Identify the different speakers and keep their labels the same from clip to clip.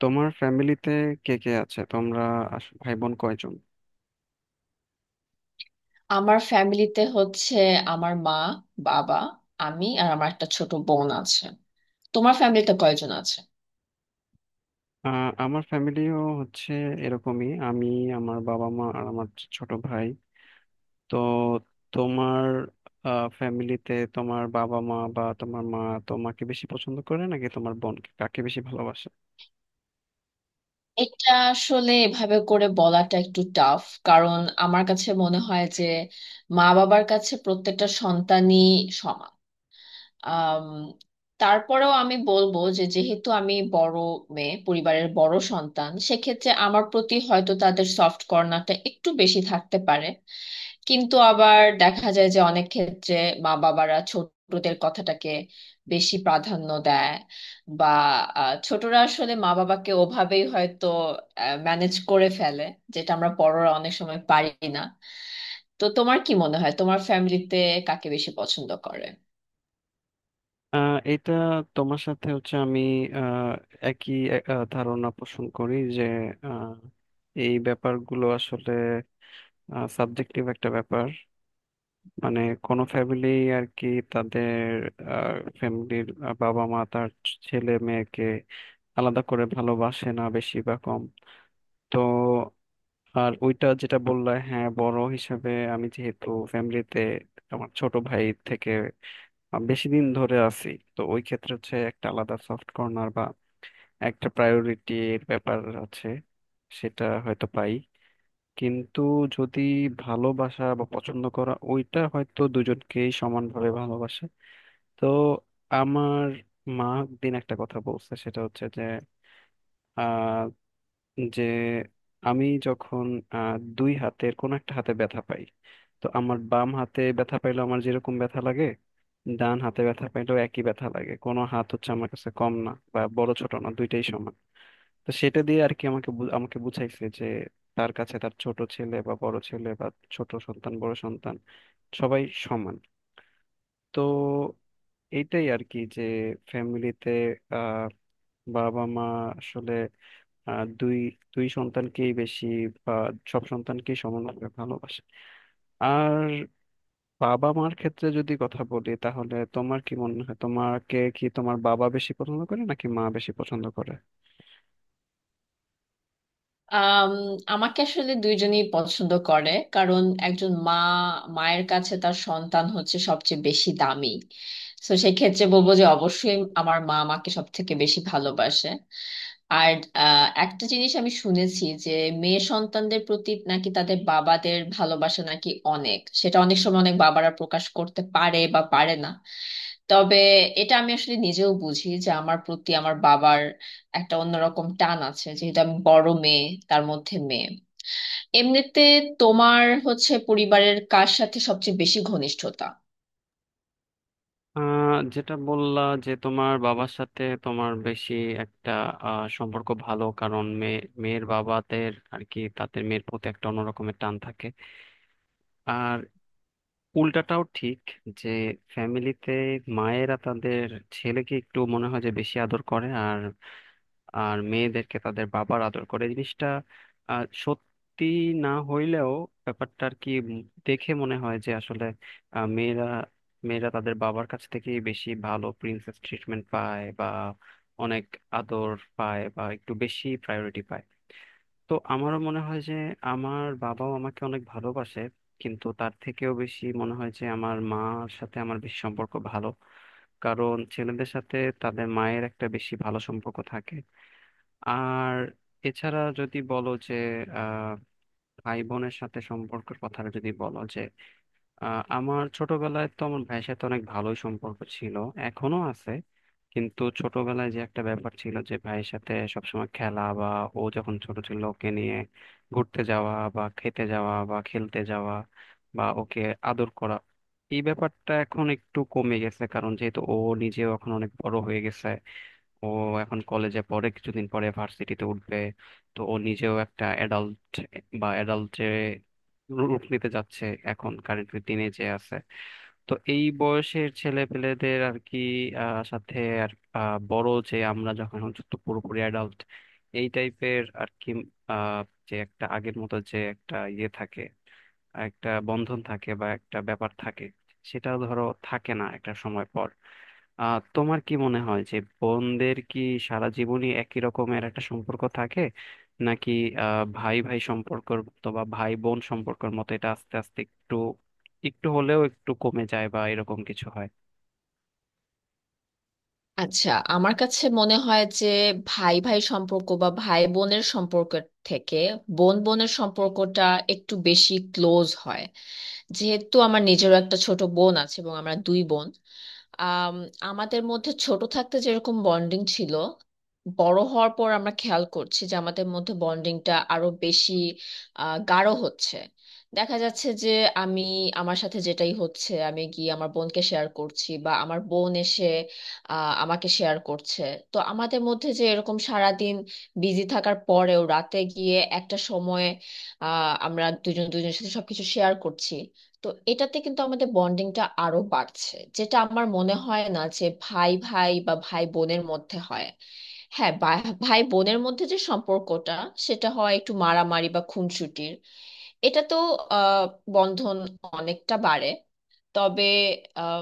Speaker 1: তোমার ফ্যামিলিতে কে কে আছে? তোমরা ভাই বোন কয়জন?
Speaker 2: আমার ফ্যামিলিতে হচ্ছে আমার মা, বাবা, আমি আর আমার একটা ছোট বোন আছে। তোমার ফ্যামিলিতে কয়জন আছে?
Speaker 1: আমার ফ্যামিলিও হচ্ছে এরকমই। আমি, আমার বাবা মা আর আমার ছোট ভাই। তো তোমার ফ্যামিলিতে তোমার বাবা মা, বা তোমার মা তোমাকে বেশি পছন্দ করে নাকি তোমার বোনকে? কাকে বেশি ভালোবাসে?
Speaker 2: এটা আসলে এভাবে করে বলাটা একটু টাফ, কারণ আমার কাছে মনে হয় যে মা বাবার কাছে প্রত্যেকটা সন্তানই সমান। আম, তারপরেও আমি বলবো যে, যেহেতু আমি বড় মেয়ে, পরিবারের বড় সন্তান, সেক্ষেত্রে আমার প্রতি হয়তো তাদের সফট কর্নারটা একটু বেশি থাকতে পারে। কিন্তু আবার দেখা যায় যে অনেক ক্ষেত্রে মা বাবারা ছোটদের কথাটাকে বেশি প্রাধান্য দেয়, বা ছোটরা আসলে মা বাবাকে ওভাবেই হয়তো ম্যানেজ করে ফেলে, যেটা আমরা বড়রা অনেক সময় পারি না। তো তোমার কি মনে হয়, তোমার ফ্যামিলিতে কাকে বেশি পছন্দ করে?
Speaker 1: এটা, তোমার সাথে হচ্ছে আমি আহ, একই ধারণা পোষণ করি যে আহ, এই ব্যাপারগুলো আসলে সাবজেক্টিভ একটা ব্যাপার। মানে কোনো ফ্যামিলি আর কি, তাদের ফ্যামিলির বাবা মা তার ছেলে মেয়েকে আলাদা করে ভালোবাসে না, বেশি বা কম। তো আর ওইটা যেটা বললে, হ্যাঁ, বড় হিসাবে আমি যেহেতু ফ্যামিলিতে আমার ছোট ভাই থেকে বেশি দিন ধরে আছি, তো ওই ক্ষেত্রে হচ্ছে একটা আলাদা সফট কর্নার বা একটা প্রায়োরিটির ব্যাপার আছে, সেটা হয়তো পাই। কিন্তু যদি ভালোবাসা বা পছন্দ করা, ওইটা হয়তো দুজনকেই সমানভাবে ভালোবাসে। তো আমার মা দিন একটা কথা বলছে, সেটা হচ্ছে যে আহ যে আমি যখন দুই হাতের কোন একটা হাতে ব্যথা পাই, তো আমার বাম হাতে ব্যথা পাইলেও আমার যেরকম ব্যথা লাগে, ডান হাতে ব্যথা পাইলেও একই ব্যথা লাগে। কোনো হাত হচ্ছে আমার কাছে কম না বা বড় ছোট না, দুইটাই সমান। তো সেটা দিয়ে আর কি আমাকে আমাকে বুঝাইছে যে তার কাছে তার ছোট ছেলে বা বড় ছেলে বা ছোট সন্তান বড় সন্তান সবাই সমান। তো এইটাই আর কি, যে ফ্যামিলিতে আহ বাবা মা আসলে আহ, দুই দুই সন্তানকেই বেশি বা সব সন্তানকেই সমানভাবে ভালোবাসে। আর বাবা মার ক্ষেত্রে যদি কথা বলি, তাহলে তোমার কি মনে হয়, তোমাকে কি তোমার বাবা বেশি পছন্দ করে নাকি মা বেশি পছন্দ করে?
Speaker 2: আম, আমাকে আসলে দুইজনই পছন্দ করে, কারণ একজন মা, মায়ের কাছে তার সন্তান হচ্ছে সবচেয়ে বেশি দামি। তো সেক্ষেত্রে বলবো যে অবশ্যই আমার মা আমাকে সব থেকে বেশি ভালোবাসে। আর একটা জিনিস আমি শুনেছি যে মেয়ে সন্তানদের প্রতি নাকি তাদের বাবাদের ভালোবাসা নাকি অনেক, সেটা অনেক সময় অনেক বাবারা প্রকাশ করতে পারে বা পারে না। তবে এটা আমি আসলে নিজেও বুঝি যে আমার প্রতি আমার বাবার একটা অন্যরকম টান আছে, যেহেতু আমি বড় মেয়ে, তার মধ্যে মেয়ে। এমনিতে তোমার হচ্ছে পরিবারের কার সাথে সবচেয়ে বেশি ঘনিষ্ঠতা?
Speaker 1: যেটা বললা যে তোমার বাবার সাথে তোমার বেশি একটা সম্পর্ক ভালো, কারণ মেয়ে, মেয়ের বাবাদের আর কি তাদের মেয়ের প্রতি একটা অন্যরকমের টান থাকে। আর উল্টাটাও ঠিক, যে ফ্যামিলিতে মায়েরা তাদের ছেলেকে একটু মনে হয় যে বেশি আদর করে, আর আর মেয়েদেরকে তাদের বাবার আদর করে। এই জিনিসটা সত্যি না হইলেও ব্যাপারটা আর কি দেখে মনে হয় যে আসলে আহ, মেয়েরা মেয়েরা তাদের বাবার কাছ থেকে বেশি ভালো প্রিন্সেস ট্রিটমেন্ট পায়, বা অনেক আদর পায়, বা একটু বেশি প্রায়োরিটি পায়। তো আমারও মনে হয় যে আমার বাবাও আমাকে অনেক ভালোবাসে, কিন্তু তার থেকেও বেশি মনে হয় যে আমার মার সাথে আমার বেশি সম্পর্ক ভালো, কারণ ছেলেদের সাথে তাদের মায়ের একটা বেশি ভালো সম্পর্ক থাকে। আর এছাড়া যদি বলো যে আহ ভাই বোনের সাথে সম্পর্কের কথাটা যদি বলো, যে আমার ছোটবেলায় তো আমার ভাইয়ের সাথে অনেক ভালোই সম্পর্ক ছিল, এখনো আছে। কিন্তু ছোটবেলায় যে একটা ব্যাপার ছিল যে ভাইয়ের সাথে সবসময় খেলা, বা ও যখন ছোট ছিল ওকে নিয়ে ঘুরতে যাওয়া বা খেতে যাওয়া বা খেলতে যাওয়া বা ওকে আদর করা, এই ব্যাপারটা এখন একটু কমে গেছে, কারণ যেহেতু ও নিজেও এখন অনেক বড় হয়ে গেছে। ও এখন কলেজে পড়ে, কিছুদিন পরে ভার্সিটিতে উঠবে। তো ও নিজেও একটা অ্যাডাল্ট বা অ্যাডাল্ট যে রূপ নিতে যাচ্ছে এখন কারেন্টলি দিনে যে আছে। তো এই বয়সের ছেলে পেলেদের আর কি সাথে আর বড় যে আমরা যখন হচ্ছে তো পুরোপুরি অ্যাডাল্ট এই টাইপের আর কি, আহ, যে একটা আগের মতো যে একটা ইয়ে থাকে, একটা বন্ধন থাকে বা একটা ব্যাপার থাকে, সেটা ধরো থাকে না একটা সময় পর। তোমার কি মনে হয় যে বোনদের কি সারা জীবনই একই রকমের একটা সম্পর্ক থাকে, নাকি ভাই ভাই সম্পর্ক অথবা ভাই বোন সম্পর্কের মতো এটা আস্তে আস্তে একটু একটু হলেও একটু কমে যায় বা এরকম কিছু হয়?
Speaker 2: আচ্ছা, আমার কাছে মনে হয় যে ভাই ভাই সম্পর্ক বা ভাই বোনের সম্পর্ক থেকে বোন বোনের সম্পর্কটা একটু বেশি ক্লোজ হয়। যেহেতু আমার নিজেরও একটা ছোট বোন আছে এবং আমরা দুই বোন, আম, আমাদের মধ্যে ছোট থাকতে যেরকম বন্ডিং ছিল, বড় হওয়ার পর আমরা খেয়াল করছি যে আমাদের মধ্যে বন্ডিংটা আরো বেশি গাঢ় হচ্ছে। দেখা যাচ্ছে যে আমি, আমার সাথে যেটাই হচ্ছে আমি গিয়ে আমার বোনকে শেয়ার করছি, বা আমার বোন এসে আমাকে শেয়ার করছে। তো আমাদের মধ্যে যে এরকম সারাদিন বিজি থাকার পরেও রাতে গিয়ে একটা সময়ে আমরা দুজন দুজনের সাথে সবকিছু শেয়ার করছি, তো এটাতে কিন্তু আমাদের বন্ডিংটা আরো বাড়ছে, যেটা আমার মনে হয় না যে ভাই ভাই বা ভাই বোনের মধ্যে হয়। হ্যাঁ, ভাই বোনের মধ্যে যে সম্পর্কটা, সেটা হয় একটু মারামারি বা খুনসুটির। এটা তো আহ বন্ধন অনেকটা বাড়ে। তবে আহ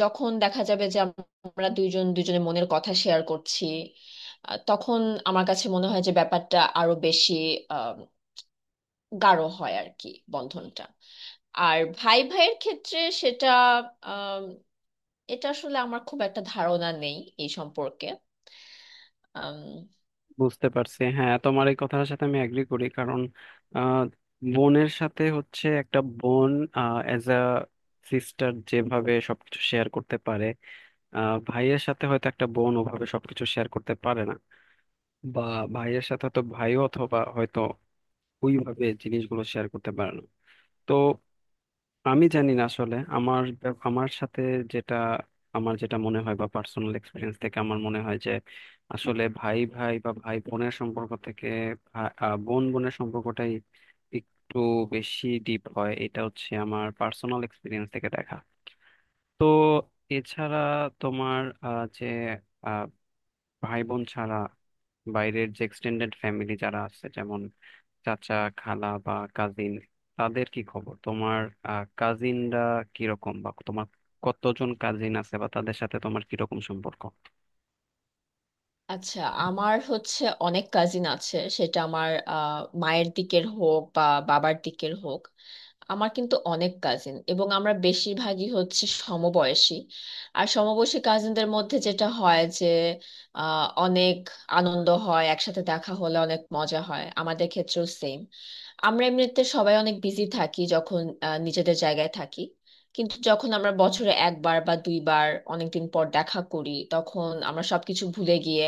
Speaker 2: যখন দেখা যাবে যে আমরা দুইজন দুজনের মনের কথা শেয়ার করছি, তখন আমার কাছে মনে হয় যে ব্যাপারটা আরো বেশি আহ গাঢ় হয় আর কি, বন্ধনটা। আর ভাই ভাইয়ের ক্ষেত্রে সেটা আম, এটা আসলে আমার খুব একটা ধারণা নেই এই সম্পর্কে। আম,
Speaker 1: বুঝতে পারছি। হ্যাঁ, তোমার এই কথার সাথে আমি এগ্রি করি, কারণ আহ বোনের সাথে হচ্ছে একটা বোন এজ আ সিস্টার যেভাবে সবকিছু শেয়ার করতে পারে, ভাইয়ের সাথে হয়তো একটা বোন ওভাবে সবকিছু শেয়ার করতে পারে না। বা ভাইয়ের সাথে তো ভাই অথবা হয়তো ওইভাবে জিনিসগুলো শেয়ার করতে পারে না। তো আমি জানি না আসলে আমার আমার সাথে যেটা আমার যেটা মনে হয় বা পার্সোনাল এক্সপিরিয়েন্স থেকে আমার মনে হয় যে আসলে ভাই ভাই বা ভাই বোনের সম্পর্ক থেকে বোন বোনের সম্পর্কটাই একটু বেশি ডিপ হয়। এটা হচ্ছে আমার পার্সোনাল এক্সপিরিয়েন্স থেকে দেখা। তো এছাড়া তোমার আহ, ভাই বোন ছাড়া বাইরের যে এক্সটেন্ডেড ফ্যামিলি যারা আছে, যেমন চাচা খালা বা কাজিন, তাদের কি খবর? তোমার কাজিনরা কিরকম, বা তোমার কতজন কাজিন আছে, বা তাদের সাথে তোমার কিরকম সম্পর্ক?
Speaker 2: আচ্ছা, আমার হচ্ছে অনেক কাজিন আছে, সেটা আমার মায়ের দিকের হোক বা বাবার দিকের হোক, আমার কিন্তু অনেক কাজিন এবং আমরা বেশিরভাগই হচ্ছে সমবয়সী। আর সমবয়সী কাজিনদের মধ্যে যেটা হয় যে অনেক আনন্দ হয় একসাথে দেখা হলে, অনেক মজা হয়। আমাদের ক্ষেত্রেও সেম, আমরা এমনিতে সবাই অনেক বিজি থাকি যখন নিজেদের জায়গায় থাকি। কিন্তু যখন আমরা বছরে একবার বা দুইবার অনেকদিন পর দেখা করি, তখন আমরা সবকিছু ভুলে গিয়ে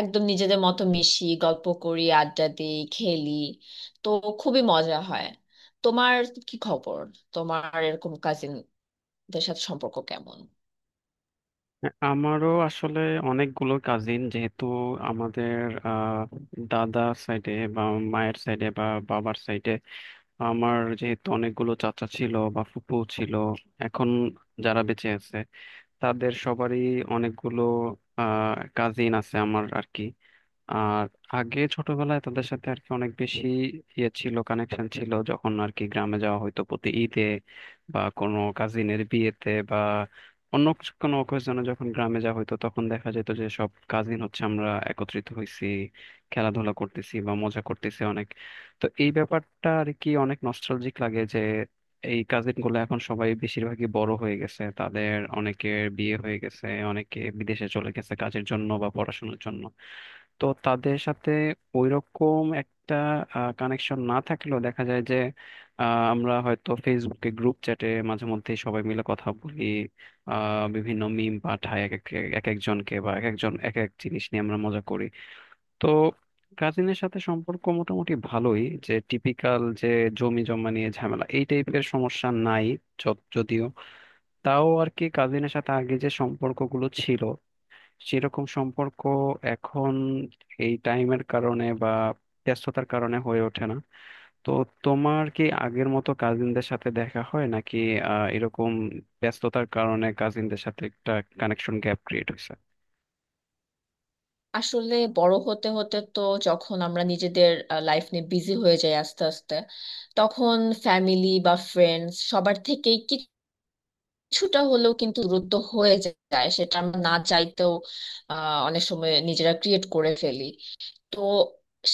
Speaker 2: একদম নিজেদের মতো মিশি, গল্প করি, আড্ডা দিই, খেলি। তো খুবই মজা হয়। তোমার কি খবর, তোমার এরকম কাজিনদের সাথে সম্পর্ক কেমন?
Speaker 1: হ্যাঁ, আমারও আসলে অনেকগুলো কাজিন, যেহেতু আমাদের আহ দাদা সাইডে বা মায়ের সাইডে বা বাবার সাইডে, আমার যেহেতু অনেকগুলো চাচা ছিল বা ফুপু ছিল, এখন যারা বেঁচে আছে তাদের সবারই অনেকগুলো কাজিন আছে আমার আর কি। আর আগে ছোটবেলায় তাদের সাথে আর কি অনেক বেশি ইয়ে ছিল, কানেকশন ছিল, যখন আর কি গ্রামে যাওয়া, হয়তো প্রতি ঈদে বা কোনো কাজিনের বিয়েতে বা কোনো অকেশনে যখন গ্রামে যাওয়া হতো, তখন দেখা যেত যে সব কাজিন হচ্ছে আমরা একত্রিত হয়েছি, খেলাধুলা করতেছি বা মজা করতেছি অনেক। তো এই ব্যাপারটা আর কি অনেক নস্টালজিক লাগে যে এই কাজিন গুলো এখন সবাই বেশিরভাগই বড় হয়ে গেছে, তাদের অনেকের বিয়ে হয়ে গেছে, অনেকে বিদেশে চলে গেছে কাজের জন্য বা পড়াশোনার জন্য। তো তাদের সাথে ওইরকম একটা কানেকশন না থাকলেও দেখা যায় যে আমরা হয়তো ফেসবুকে গ্রুপ চ্যাটে মাঝে মধ্যে সবাই মিলে কথা বলি, বিভিন্ন মিম পাঠায় এক এক এক একজনকে বা এক একজন এক এক জিনিস নিয়ে আমরা মজা করি। তো কাজিনের সাথে সম্পর্ক মোটামুটি ভালোই। যে টিপিক্যাল যে জমি জমা নিয়ে ঝামেলা এই টাইপের সমস্যা নাই যদিও। তাও আর কি কাজিনের সাথে আগে যে সম্পর্কগুলো ছিল সেরকম সম্পর্ক এখন এই টাইমের কারণে বা ব্যস্ততার কারণে হয়ে ওঠে না। তো তোমার কি আগের মতো কাজিনদের সাথে দেখা হয়, নাকি এরকম ব্যস্ততার কারণে কাজিনদের সাথে একটা কানেকশন গ্যাপ ক্রিয়েট হয়েছে?
Speaker 2: আসলে বড় হতে হতে তো যখন আমরা নিজেদের লাইফ নিয়ে বিজি হয়ে যাই আস্তে আস্তে, তখন ফ্যামিলি বা ফ্রেন্ডস সবার থেকেই কিছুটা হলেও কিন্তু দূরত্ব হয়ে যায়, সেটা আমরা না চাইতেও অনেক সময় নিজেরা ক্রিয়েট করে ফেলি। তো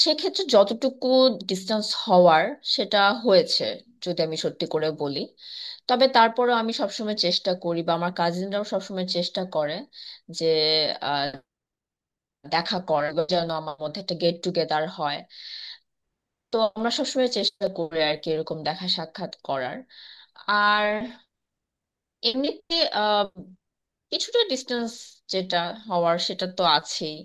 Speaker 2: সেক্ষেত্রে যতটুকু ডিস্টেন্স হওয়ার সেটা হয়েছে, যদি আমি সত্যি করে বলি। তবে তারপরেও আমি সবসময় চেষ্টা করি বা আমার কাজিনরাও সবসময় চেষ্টা করে যে আহ, দেখা করার, বা যেন আমার মধ্যে একটা গেট টুগেদার হয়। তো আমরা সবসময় চেষ্টা করি আর কি এরকম দেখা সাক্ষাৎ করার। আর এমনিতে কিছুটা ডিস্টেন্স যেটা হওয়ার সেটা তো আছেই।